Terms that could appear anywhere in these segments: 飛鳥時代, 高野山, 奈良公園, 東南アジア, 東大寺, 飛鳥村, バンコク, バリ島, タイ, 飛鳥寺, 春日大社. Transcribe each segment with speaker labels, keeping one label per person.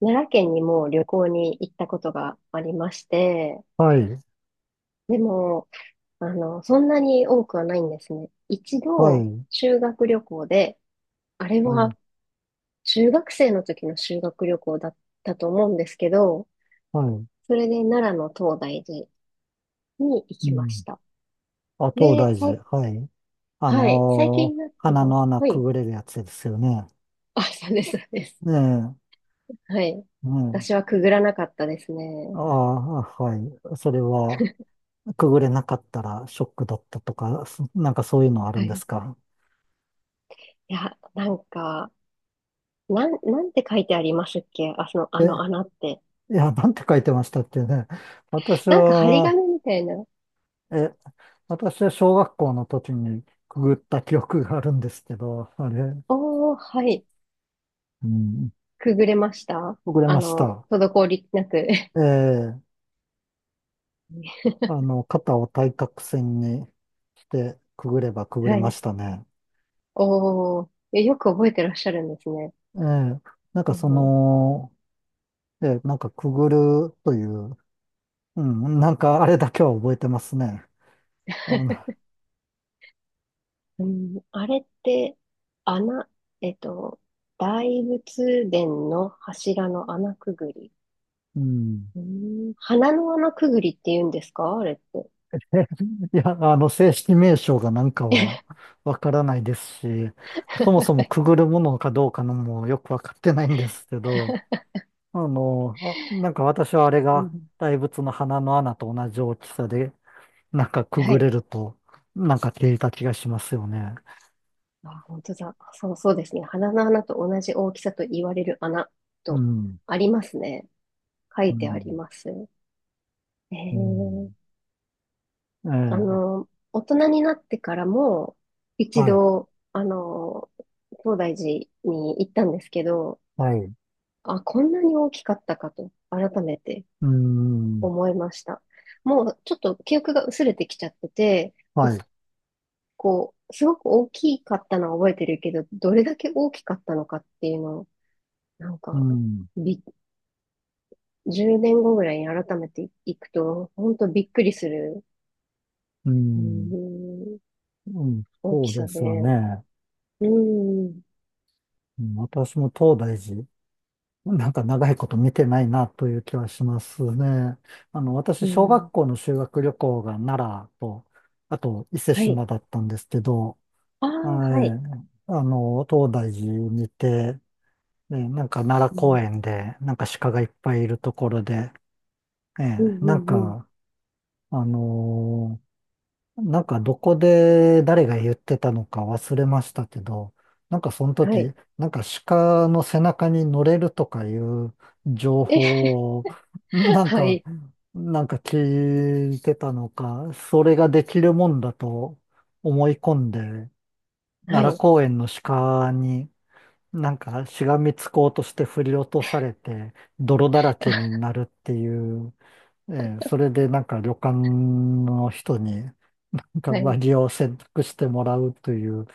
Speaker 1: 奈良県にも旅行に行ったことがありまして、
Speaker 2: はい、
Speaker 1: でも、そんなに多くはないんですね。一
Speaker 2: は
Speaker 1: 度、
Speaker 2: い、
Speaker 1: 修学旅行で、あれ
Speaker 2: は
Speaker 1: は
Speaker 2: い、
Speaker 1: 中学生の時の修学旅行だったと思うんですけど、
Speaker 2: はい。
Speaker 1: それで奈良の東大寺に行
Speaker 2: う
Speaker 1: きまし
Speaker 2: ん。
Speaker 1: た。
Speaker 2: あ、東
Speaker 1: で、
Speaker 2: 大寺。はい。
Speaker 1: はい、最近になって
Speaker 2: 鼻
Speaker 1: は、
Speaker 2: の穴
Speaker 1: は
Speaker 2: く
Speaker 1: い、
Speaker 2: ぐれるやつですよね。
Speaker 1: あ、そうです、そうです。
Speaker 2: ね
Speaker 1: はい。
Speaker 2: え、ね
Speaker 1: 私
Speaker 2: え。
Speaker 1: はくぐらなかったです
Speaker 2: あ
Speaker 1: ね。
Speaker 2: あ、はい。それは、くぐれなかったらショックだったとか、なんかそういうのある
Speaker 1: は
Speaker 2: ん
Speaker 1: い。
Speaker 2: で
Speaker 1: い
Speaker 2: すか？
Speaker 1: や、なんか、なんて書いてありますっけ？あ、あ
Speaker 2: え、
Speaker 1: の穴って。
Speaker 2: いや、なんて書いてましたっけね。私
Speaker 1: なんか張り
Speaker 2: は、
Speaker 1: 紙みたいな。
Speaker 2: え、私は小学校の時にくぐった記憶があるんですけど、あれ、
Speaker 1: おー、はい。
Speaker 2: うん、
Speaker 1: くぐれました？
Speaker 2: くぐれました。
Speaker 1: 滞りなく。
Speaker 2: ええ、 肩を対角線にしてくぐればくぐれ
Speaker 1: は
Speaker 2: ま
Speaker 1: い。
Speaker 2: したね。
Speaker 1: おー、よく覚えてらっしゃるんですね。
Speaker 2: ええ、なん
Speaker 1: う
Speaker 2: かそ
Speaker 1: ん、
Speaker 2: の、ええ、なんかくぐるという、うん、なんかあれだけは覚えてますね。あの、
Speaker 1: うん、あれって、穴、えっと、大仏殿の柱の穴くぐり。
Speaker 2: うん。
Speaker 1: うん、鼻の穴くぐりって言うんですか、あれって。
Speaker 2: いや、正式名称がなんかはわからないですし、そもそ もくぐるものかどうかのもよくわかってないんですけど、なんか私はあれ
Speaker 1: う
Speaker 2: が
Speaker 1: ん、
Speaker 2: 大仏の鼻の穴と同じ大きさで、なんかく
Speaker 1: は
Speaker 2: ぐ
Speaker 1: い。
Speaker 2: れると、なんか消えた気がしますよね。
Speaker 1: あ、本当だ。そう、そうですね。鼻の穴と同じ大きさと言われる穴
Speaker 2: う
Speaker 1: と
Speaker 2: ん。
Speaker 1: ありますね。書
Speaker 2: う
Speaker 1: いてあり
Speaker 2: ん。
Speaker 1: ます。え
Speaker 2: う
Speaker 1: ー、
Speaker 2: ん。ええ、
Speaker 1: 大人になってからも、一
Speaker 2: はい。
Speaker 1: 度、東大寺に行ったんですけど、
Speaker 2: はい。
Speaker 1: あ、こんなに大きかったかと、改めて
Speaker 2: うん。
Speaker 1: 思いました。もう、ちょっと記憶が薄れてきちゃってて、
Speaker 2: は
Speaker 1: お
Speaker 2: い。
Speaker 1: こう、すごく大きかったのは覚えてるけど、どれだけ大きかったのかっていうのを、なん
Speaker 2: う
Speaker 1: か、
Speaker 2: ん。
Speaker 1: びっ10年後ぐらいに改めて行くと、本当びっくりする、
Speaker 2: う
Speaker 1: う
Speaker 2: ん。
Speaker 1: ん、
Speaker 2: うん。
Speaker 1: 大
Speaker 2: そう
Speaker 1: き
Speaker 2: で
Speaker 1: さ
Speaker 2: すよ
Speaker 1: で。
Speaker 2: ね。
Speaker 1: うん、
Speaker 2: うん、私も東大寺、なんか長いこと見てないなという気はしますね。私、
Speaker 1: う
Speaker 2: 小
Speaker 1: ん。
Speaker 2: 学校の修学旅行が奈良と、あと伊勢志
Speaker 1: はい。
Speaker 2: 摩だったんですけど、
Speaker 1: あ
Speaker 2: は
Speaker 1: あ、
Speaker 2: い。
Speaker 1: はい。
Speaker 2: 東大寺にて、ええ、なんか奈
Speaker 1: う
Speaker 2: 良公
Speaker 1: ん、
Speaker 2: 園で、なんか鹿がいっぱいいるところで、え
Speaker 1: うん、う
Speaker 2: え、なん
Speaker 1: ん、うん。
Speaker 2: か、あのーなんかどこで誰が言ってたのか忘れましたけど、なんかその
Speaker 1: はい。
Speaker 2: 時、なんか鹿の背中に乗れるとかいう情
Speaker 1: え、
Speaker 2: 報を、なん
Speaker 1: は
Speaker 2: か、
Speaker 1: い、
Speaker 2: なんか聞いてたのか、それができるもんだと思い込んで、
Speaker 1: は
Speaker 2: 奈良
Speaker 1: い、
Speaker 2: 公園の鹿に、なんかしがみつこうとして振り落とされて泥だらけに なるっていう、えそれでなんか旅館の人になんか
Speaker 1: は
Speaker 2: 上
Speaker 1: い、
Speaker 2: 着を洗濯してもらうという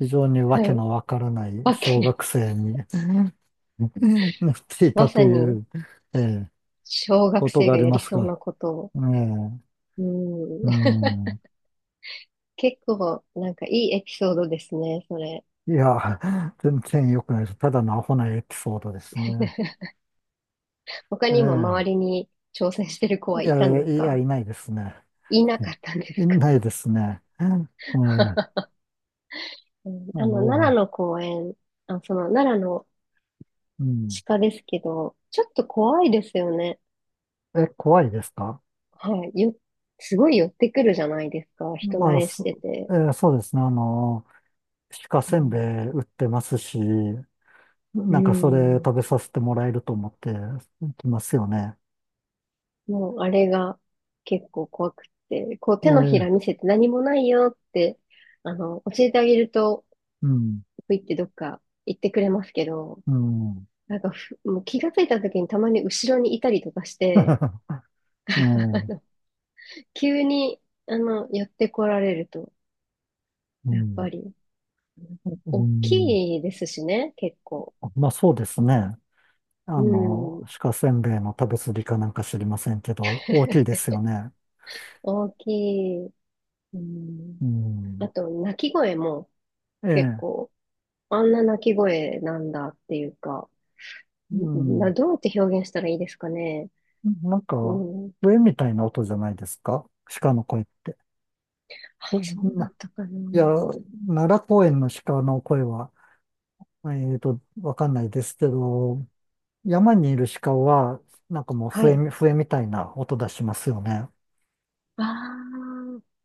Speaker 2: 非常にわ
Speaker 1: は
Speaker 2: け
Speaker 1: い。
Speaker 2: のわからない
Speaker 1: わ
Speaker 2: 小
Speaker 1: け、
Speaker 2: 学生に なってい
Speaker 1: ま
Speaker 2: たと
Speaker 1: さ
Speaker 2: い
Speaker 1: に、
Speaker 2: う、えー
Speaker 1: 小学
Speaker 2: こと
Speaker 1: 生
Speaker 2: があ
Speaker 1: が
Speaker 2: り
Speaker 1: や
Speaker 2: ま
Speaker 1: り
Speaker 2: す
Speaker 1: そう
Speaker 2: が、
Speaker 1: なことを。
Speaker 2: えー
Speaker 1: うん、
Speaker 2: うん、
Speaker 1: 結構、なんかいいエピソードですね、それ。
Speaker 2: いや、全然良くないです。ただのアホなエピソードですね。
Speaker 1: 他にも周り
Speaker 2: え
Speaker 1: に挑戦してる子
Speaker 2: え、い
Speaker 1: は
Speaker 2: や、
Speaker 1: いたんです
Speaker 2: いや、
Speaker 1: か？
Speaker 2: いないですね。
Speaker 1: いなかったんで
Speaker 2: い
Speaker 1: すか？
Speaker 2: ないですね。ええ、
Speaker 1: うん、奈良
Speaker 2: の、
Speaker 1: の公園、あ、その奈良の
Speaker 2: うん。
Speaker 1: 鹿ですけど、ちょっと怖いですよね。
Speaker 2: え、怖いですか？
Speaker 1: はい。すごい寄ってくるじゃないですか。人慣
Speaker 2: まあ、
Speaker 1: れしてて。
Speaker 2: そうですね。鹿
Speaker 1: う
Speaker 2: せんべ
Speaker 1: ん。
Speaker 2: い売ってますし、
Speaker 1: う
Speaker 2: なんかそれ
Speaker 1: ん。
Speaker 2: 食べさせてもらえると思ってきますよね。
Speaker 1: もう、あれが結構怖くって、こう
Speaker 2: え
Speaker 1: 手のひ
Speaker 2: え、
Speaker 1: ら見せて何もないよって、教えてあげると、
Speaker 2: うん、
Speaker 1: ぷいってどっか行ってくれますけど、
Speaker 2: うん。
Speaker 1: なんかもう気がついた時にたまに後ろにいたりとかして、
Speaker 2: ええ、う
Speaker 1: 急に、寄ってこられると、やっ
Speaker 2: ん、
Speaker 1: ぱり。
Speaker 2: う
Speaker 1: 大
Speaker 2: ん。
Speaker 1: きいですしね、結構。
Speaker 2: まあ、そうですね。
Speaker 1: うん。
Speaker 2: 鹿せんべいの食べ過ぎかなんか知りませんけど、大きいですよね。
Speaker 1: 大きい。うん。
Speaker 2: う
Speaker 1: あ
Speaker 2: ん。
Speaker 1: と、鳴き声も
Speaker 2: え
Speaker 1: 結
Speaker 2: え、
Speaker 1: 構、あんな鳴き声なんだっていうか、
Speaker 2: うん。
Speaker 1: どうやって表現したらいいですかね。
Speaker 2: なん
Speaker 1: う
Speaker 2: か、
Speaker 1: ん。
Speaker 2: 笛みたいな音じゃないですか、鹿の声って。そ
Speaker 1: あ、
Speaker 2: ん
Speaker 1: そうだっ
Speaker 2: な、
Speaker 1: たか
Speaker 2: いや、
Speaker 1: な。
Speaker 2: 奈良公園の鹿の声は、わかんないですけど、山にいる鹿は、なんかもう
Speaker 1: はい。
Speaker 2: 笛みたいな音出しますよね。
Speaker 1: ああ、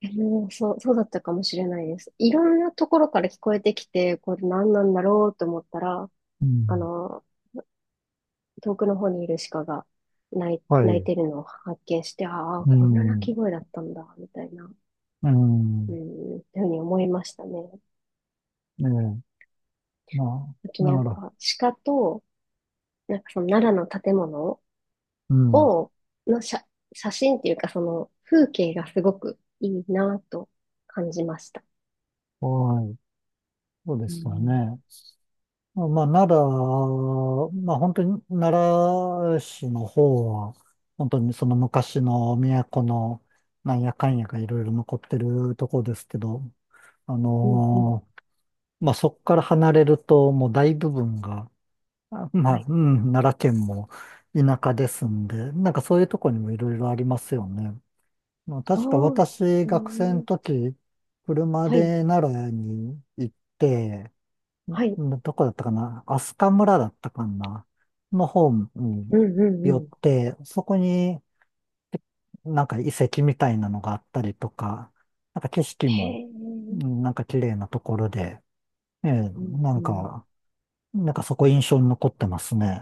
Speaker 1: でもそう、そうだったかもしれないです。いろんなところから聞こえてきて、これ何なんだろうと思ったら、
Speaker 2: う
Speaker 1: あ
Speaker 2: ん。
Speaker 1: の、遠くの方にいる鹿が
Speaker 2: は
Speaker 1: 泣い
Speaker 2: い。
Speaker 1: てるのを発見して、ああ、
Speaker 2: う
Speaker 1: こんな鳴
Speaker 2: ん。
Speaker 1: き声だったんだ、みたいな、
Speaker 2: う
Speaker 1: う
Speaker 2: ん。
Speaker 1: ん、っていうふうに思いましたね。
Speaker 2: ねえ、ま
Speaker 1: あ
Speaker 2: あ、
Speaker 1: となん
Speaker 2: なら、
Speaker 1: か、鹿と、なんかその奈良の建物
Speaker 2: うん。
Speaker 1: を、の写真っていうか、その風景がすごくいいなと感じました。
Speaker 2: はい。そうで
Speaker 1: う
Speaker 2: すよ
Speaker 1: ん、
Speaker 2: ね。まあ、奈良、まあ本当に奈良市の方は、本当にその昔の都のなんやかんやがいろいろ残ってるとこですけど、あ
Speaker 1: うん、うん。
Speaker 2: のまあそこから離れるともう大部分が、あ、ま
Speaker 1: は
Speaker 2: あ、
Speaker 1: い。
Speaker 2: うん、奈良県も田舎ですんで、なんかそういうとこにもいろいろありますよね。まあ、
Speaker 1: あ
Speaker 2: 確か
Speaker 1: あ、
Speaker 2: 私、
Speaker 1: う
Speaker 2: 学生の
Speaker 1: ん、
Speaker 2: 時、車
Speaker 1: はい、
Speaker 2: で奈良に行って、
Speaker 1: はい。
Speaker 2: どこだったかな、飛鳥村だったかなの方に
Speaker 1: うん、うん、う
Speaker 2: 寄っ
Speaker 1: ん。
Speaker 2: て、そこになんか遺跡みたいなのがあったりとか、なんか景色
Speaker 1: へ
Speaker 2: も、
Speaker 1: え、
Speaker 2: うん、なんか綺麗なところで、ええ、
Speaker 1: うん、
Speaker 2: な
Speaker 1: う
Speaker 2: ん
Speaker 1: ん。
Speaker 2: か、なんかそこ印象に残ってますね。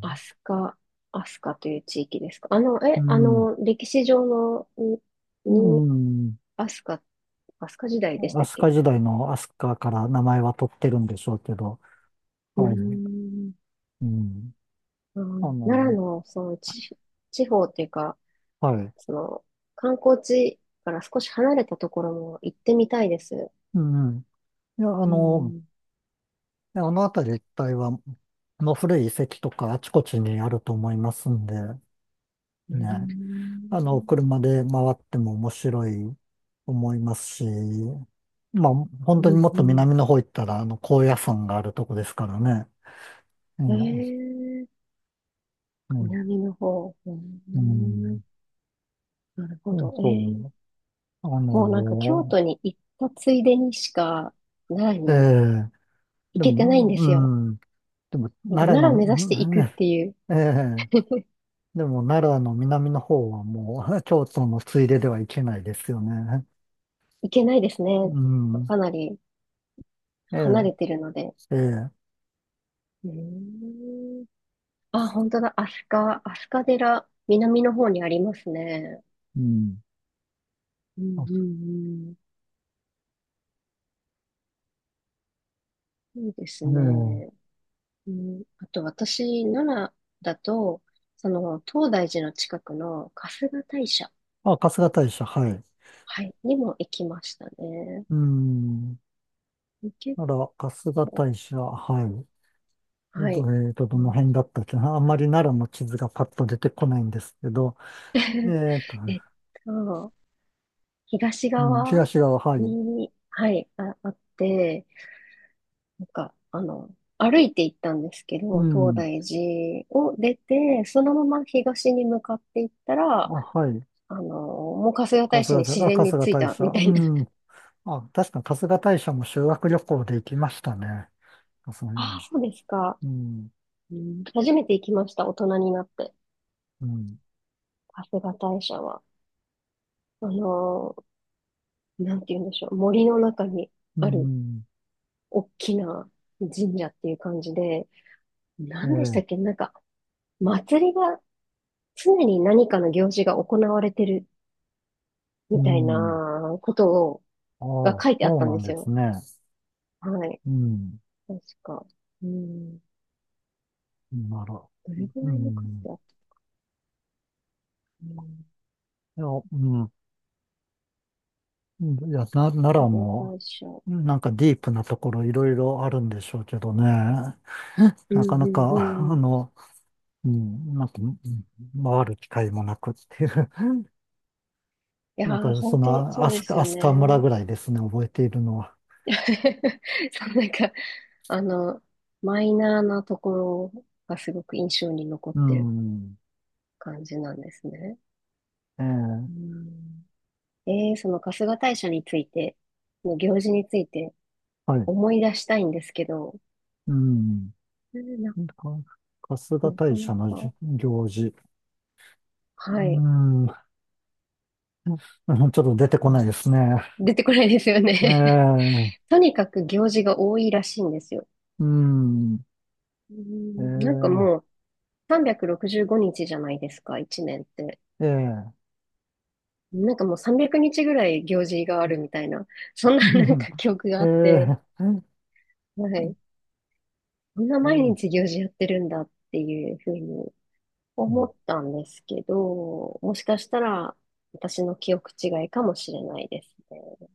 Speaker 1: アスカアスカという地域ですか。
Speaker 2: うん。
Speaker 1: 歴史上の、
Speaker 2: う
Speaker 1: に
Speaker 2: ん。
Speaker 1: アスカアスカ時代でしたっ
Speaker 2: 飛
Speaker 1: け？
Speaker 2: 鳥時代の飛鳥から名前は取ってるんでしょうけど、
Speaker 1: うー
Speaker 2: はい。
Speaker 1: ん、
Speaker 2: うん。
Speaker 1: う
Speaker 2: あ
Speaker 1: ん、奈
Speaker 2: の、
Speaker 1: 良の、その、地方っていうか、
Speaker 2: はい。
Speaker 1: その、観光地から少し離れたところも行ってみたいです。
Speaker 2: うん。いや、
Speaker 1: うん、
Speaker 2: であの辺り一帯は、もう古い遺跡とかあちこちにあると思いますんで、
Speaker 1: う
Speaker 2: ね、
Speaker 1: ん、
Speaker 2: 車で回っても面白いと思いますし、まあ、本
Speaker 1: う
Speaker 2: 当に
Speaker 1: ん、
Speaker 2: もっ
Speaker 1: う
Speaker 2: と
Speaker 1: ん。
Speaker 2: 南の方行ったら、高野山があるとこですからね。え
Speaker 1: え
Speaker 2: え、
Speaker 1: ー、
Speaker 2: うん、
Speaker 1: 南の方。うー
Speaker 2: う
Speaker 1: ん、
Speaker 2: ん、
Speaker 1: なるほ
Speaker 2: そう
Speaker 1: ど。
Speaker 2: そう。あ
Speaker 1: もうなんか京
Speaker 2: の
Speaker 1: 都に行ったついでにしか、奈良
Speaker 2: え
Speaker 1: に
Speaker 2: え、
Speaker 1: 行
Speaker 2: で
Speaker 1: け
Speaker 2: も、
Speaker 1: てないんで
Speaker 2: う
Speaker 1: すよ。
Speaker 2: ん、でも、
Speaker 1: なんか
Speaker 2: 奈
Speaker 1: 奈
Speaker 2: 良
Speaker 1: 良
Speaker 2: の、
Speaker 1: 目指して行
Speaker 2: うん、
Speaker 1: くっ
Speaker 2: え
Speaker 1: ていう。
Speaker 2: え、 でも、奈良の南の方はもう、京都のついでではいけないですよね。
Speaker 1: 行けないですね。
Speaker 2: うん。
Speaker 1: かなり
Speaker 2: え
Speaker 1: 離
Speaker 2: え、
Speaker 1: れてるので。
Speaker 2: ええ、
Speaker 1: うーん。あ、本当だ。飛鳥、飛鳥寺、南の方にありますね。
Speaker 2: うん。
Speaker 1: うん、
Speaker 2: あ、
Speaker 1: うん、うん。いいです
Speaker 2: え
Speaker 1: ね。
Speaker 2: え。
Speaker 1: うん、あと私、奈良だと、その、東大寺の近くの春日大社、
Speaker 2: あ、春日大社、はい。
Speaker 1: はい、にも行きましたね。
Speaker 2: うん。
Speaker 1: 結
Speaker 2: なら、春日
Speaker 1: 構、
Speaker 2: 大社、はい。
Speaker 1: はい。
Speaker 2: えっと、ど
Speaker 1: う
Speaker 2: の
Speaker 1: ん。
Speaker 2: 辺だったっけな。あんまり奈良の地図がパッと出てこないんですけど、えっと、
Speaker 1: えっと、東
Speaker 2: うん、
Speaker 1: 側
Speaker 2: 東側、はい。
Speaker 1: に、はい、あって、なんか、歩いて行ったんですけ
Speaker 2: う
Speaker 1: ど、東
Speaker 2: ん。
Speaker 1: 大寺を出て、そのまま東に向かって行った
Speaker 2: あ、
Speaker 1: ら、
Speaker 2: はい。
Speaker 1: もう春日大社に自然に
Speaker 2: 春日
Speaker 1: 着い
Speaker 2: 大
Speaker 1: た
Speaker 2: 社、
Speaker 1: みた
Speaker 2: う
Speaker 1: いな。
Speaker 2: ん。あ、確か春日大社も修学旅行で行きましたね。そう
Speaker 1: ああ、
Speaker 2: ね。
Speaker 1: そうですか。
Speaker 2: うん、
Speaker 1: うん、初めて行きました、大人になって。
Speaker 2: うん、
Speaker 1: 春日大社は。あのなんて言うんでしょう。森の中に
Speaker 2: う
Speaker 1: ある
Speaker 2: ん、
Speaker 1: 大きな神社っていう感じで、
Speaker 2: え
Speaker 1: 何でした
Speaker 2: え、
Speaker 1: っけ、なんか、祭りが常に何かの行事が行われてる
Speaker 2: う
Speaker 1: みたい
Speaker 2: ん。
Speaker 1: なことを、
Speaker 2: ああ、
Speaker 1: が書いてあっ
Speaker 2: そう
Speaker 1: たん
Speaker 2: な
Speaker 1: で
Speaker 2: ん
Speaker 1: す
Speaker 2: です
Speaker 1: よ。
Speaker 2: ね。
Speaker 1: はい。
Speaker 2: うん。
Speaker 1: 確か。うん。
Speaker 2: なら、
Speaker 1: どれぐ
Speaker 2: う
Speaker 1: らいの数
Speaker 2: ん。
Speaker 1: だった？うん。
Speaker 2: いや、うん。いや、奈
Speaker 1: 被
Speaker 2: 良
Speaker 1: 害
Speaker 2: も、
Speaker 1: 対象。
Speaker 2: なんかディープなところいろいろあるんでしょうけどね。
Speaker 1: うん、
Speaker 2: なかな
Speaker 1: うん、う
Speaker 2: か、
Speaker 1: ん。い
Speaker 2: うん、なんか、うん、回る機会もなくっていう。
Speaker 1: や
Speaker 2: なん
Speaker 1: ー、
Speaker 2: か、そ
Speaker 1: 本当
Speaker 2: の、
Speaker 1: そうです
Speaker 2: ア
Speaker 1: よ
Speaker 2: スカ村
Speaker 1: ね。
Speaker 2: ぐらいですね、覚えているのは。
Speaker 1: そう、なんか、あの、マイナーなところがすごく印象に残っ
Speaker 2: う
Speaker 1: てる
Speaker 2: ん。
Speaker 1: 感じなんですね。
Speaker 2: ええ、
Speaker 1: うん。その春日大社について、の行事について
Speaker 2: はい。
Speaker 1: 思い出したいんですけど、
Speaker 2: うん。
Speaker 1: うな、
Speaker 2: か春日
Speaker 1: なか
Speaker 2: 大
Speaker 1: な
Speaker 2: 社の
Speaker 1: か、
Speaker 2: 行事。う
Speaker 1: はい。
Speaker 2: ん。うん、ちょっと出てこ
Speaker 1: う
Speaker 2: な
Speaker 1: ん、
Speaker 2: いですね。
Speaker 1: 出てこないですよ
Speaker 2: え
Speaker 1: ね。
Speaker 2: え、
Speaker 1: とにかく行事が多いらしいんですよ。
Speaker 2: うん、
Speaker 1: うん、なんか
Speaker 2: え
Speaker 1: もう365日じゅうごにちじゃないですか、1年って。
Speaker 2: え、ええ、
Speaker 1: なんかもう300日ぐらい行事があるみたいな、そん
Speaker 2: う
Speaker 1: ななん
Speaker 2: ん、
Speaker 1: か記憶が
Speaker 2: え
Speaker 1: あって、
Speaker 2: え、
Speaker 1: はい。こんな毎
Speaker 2: え
Speaker 1: 日行事やってるんだっていうふうに思っ
Speaker 2: え
Speaker 1: たんですけど、もしかしたら私の記憶違いかもしれないですね。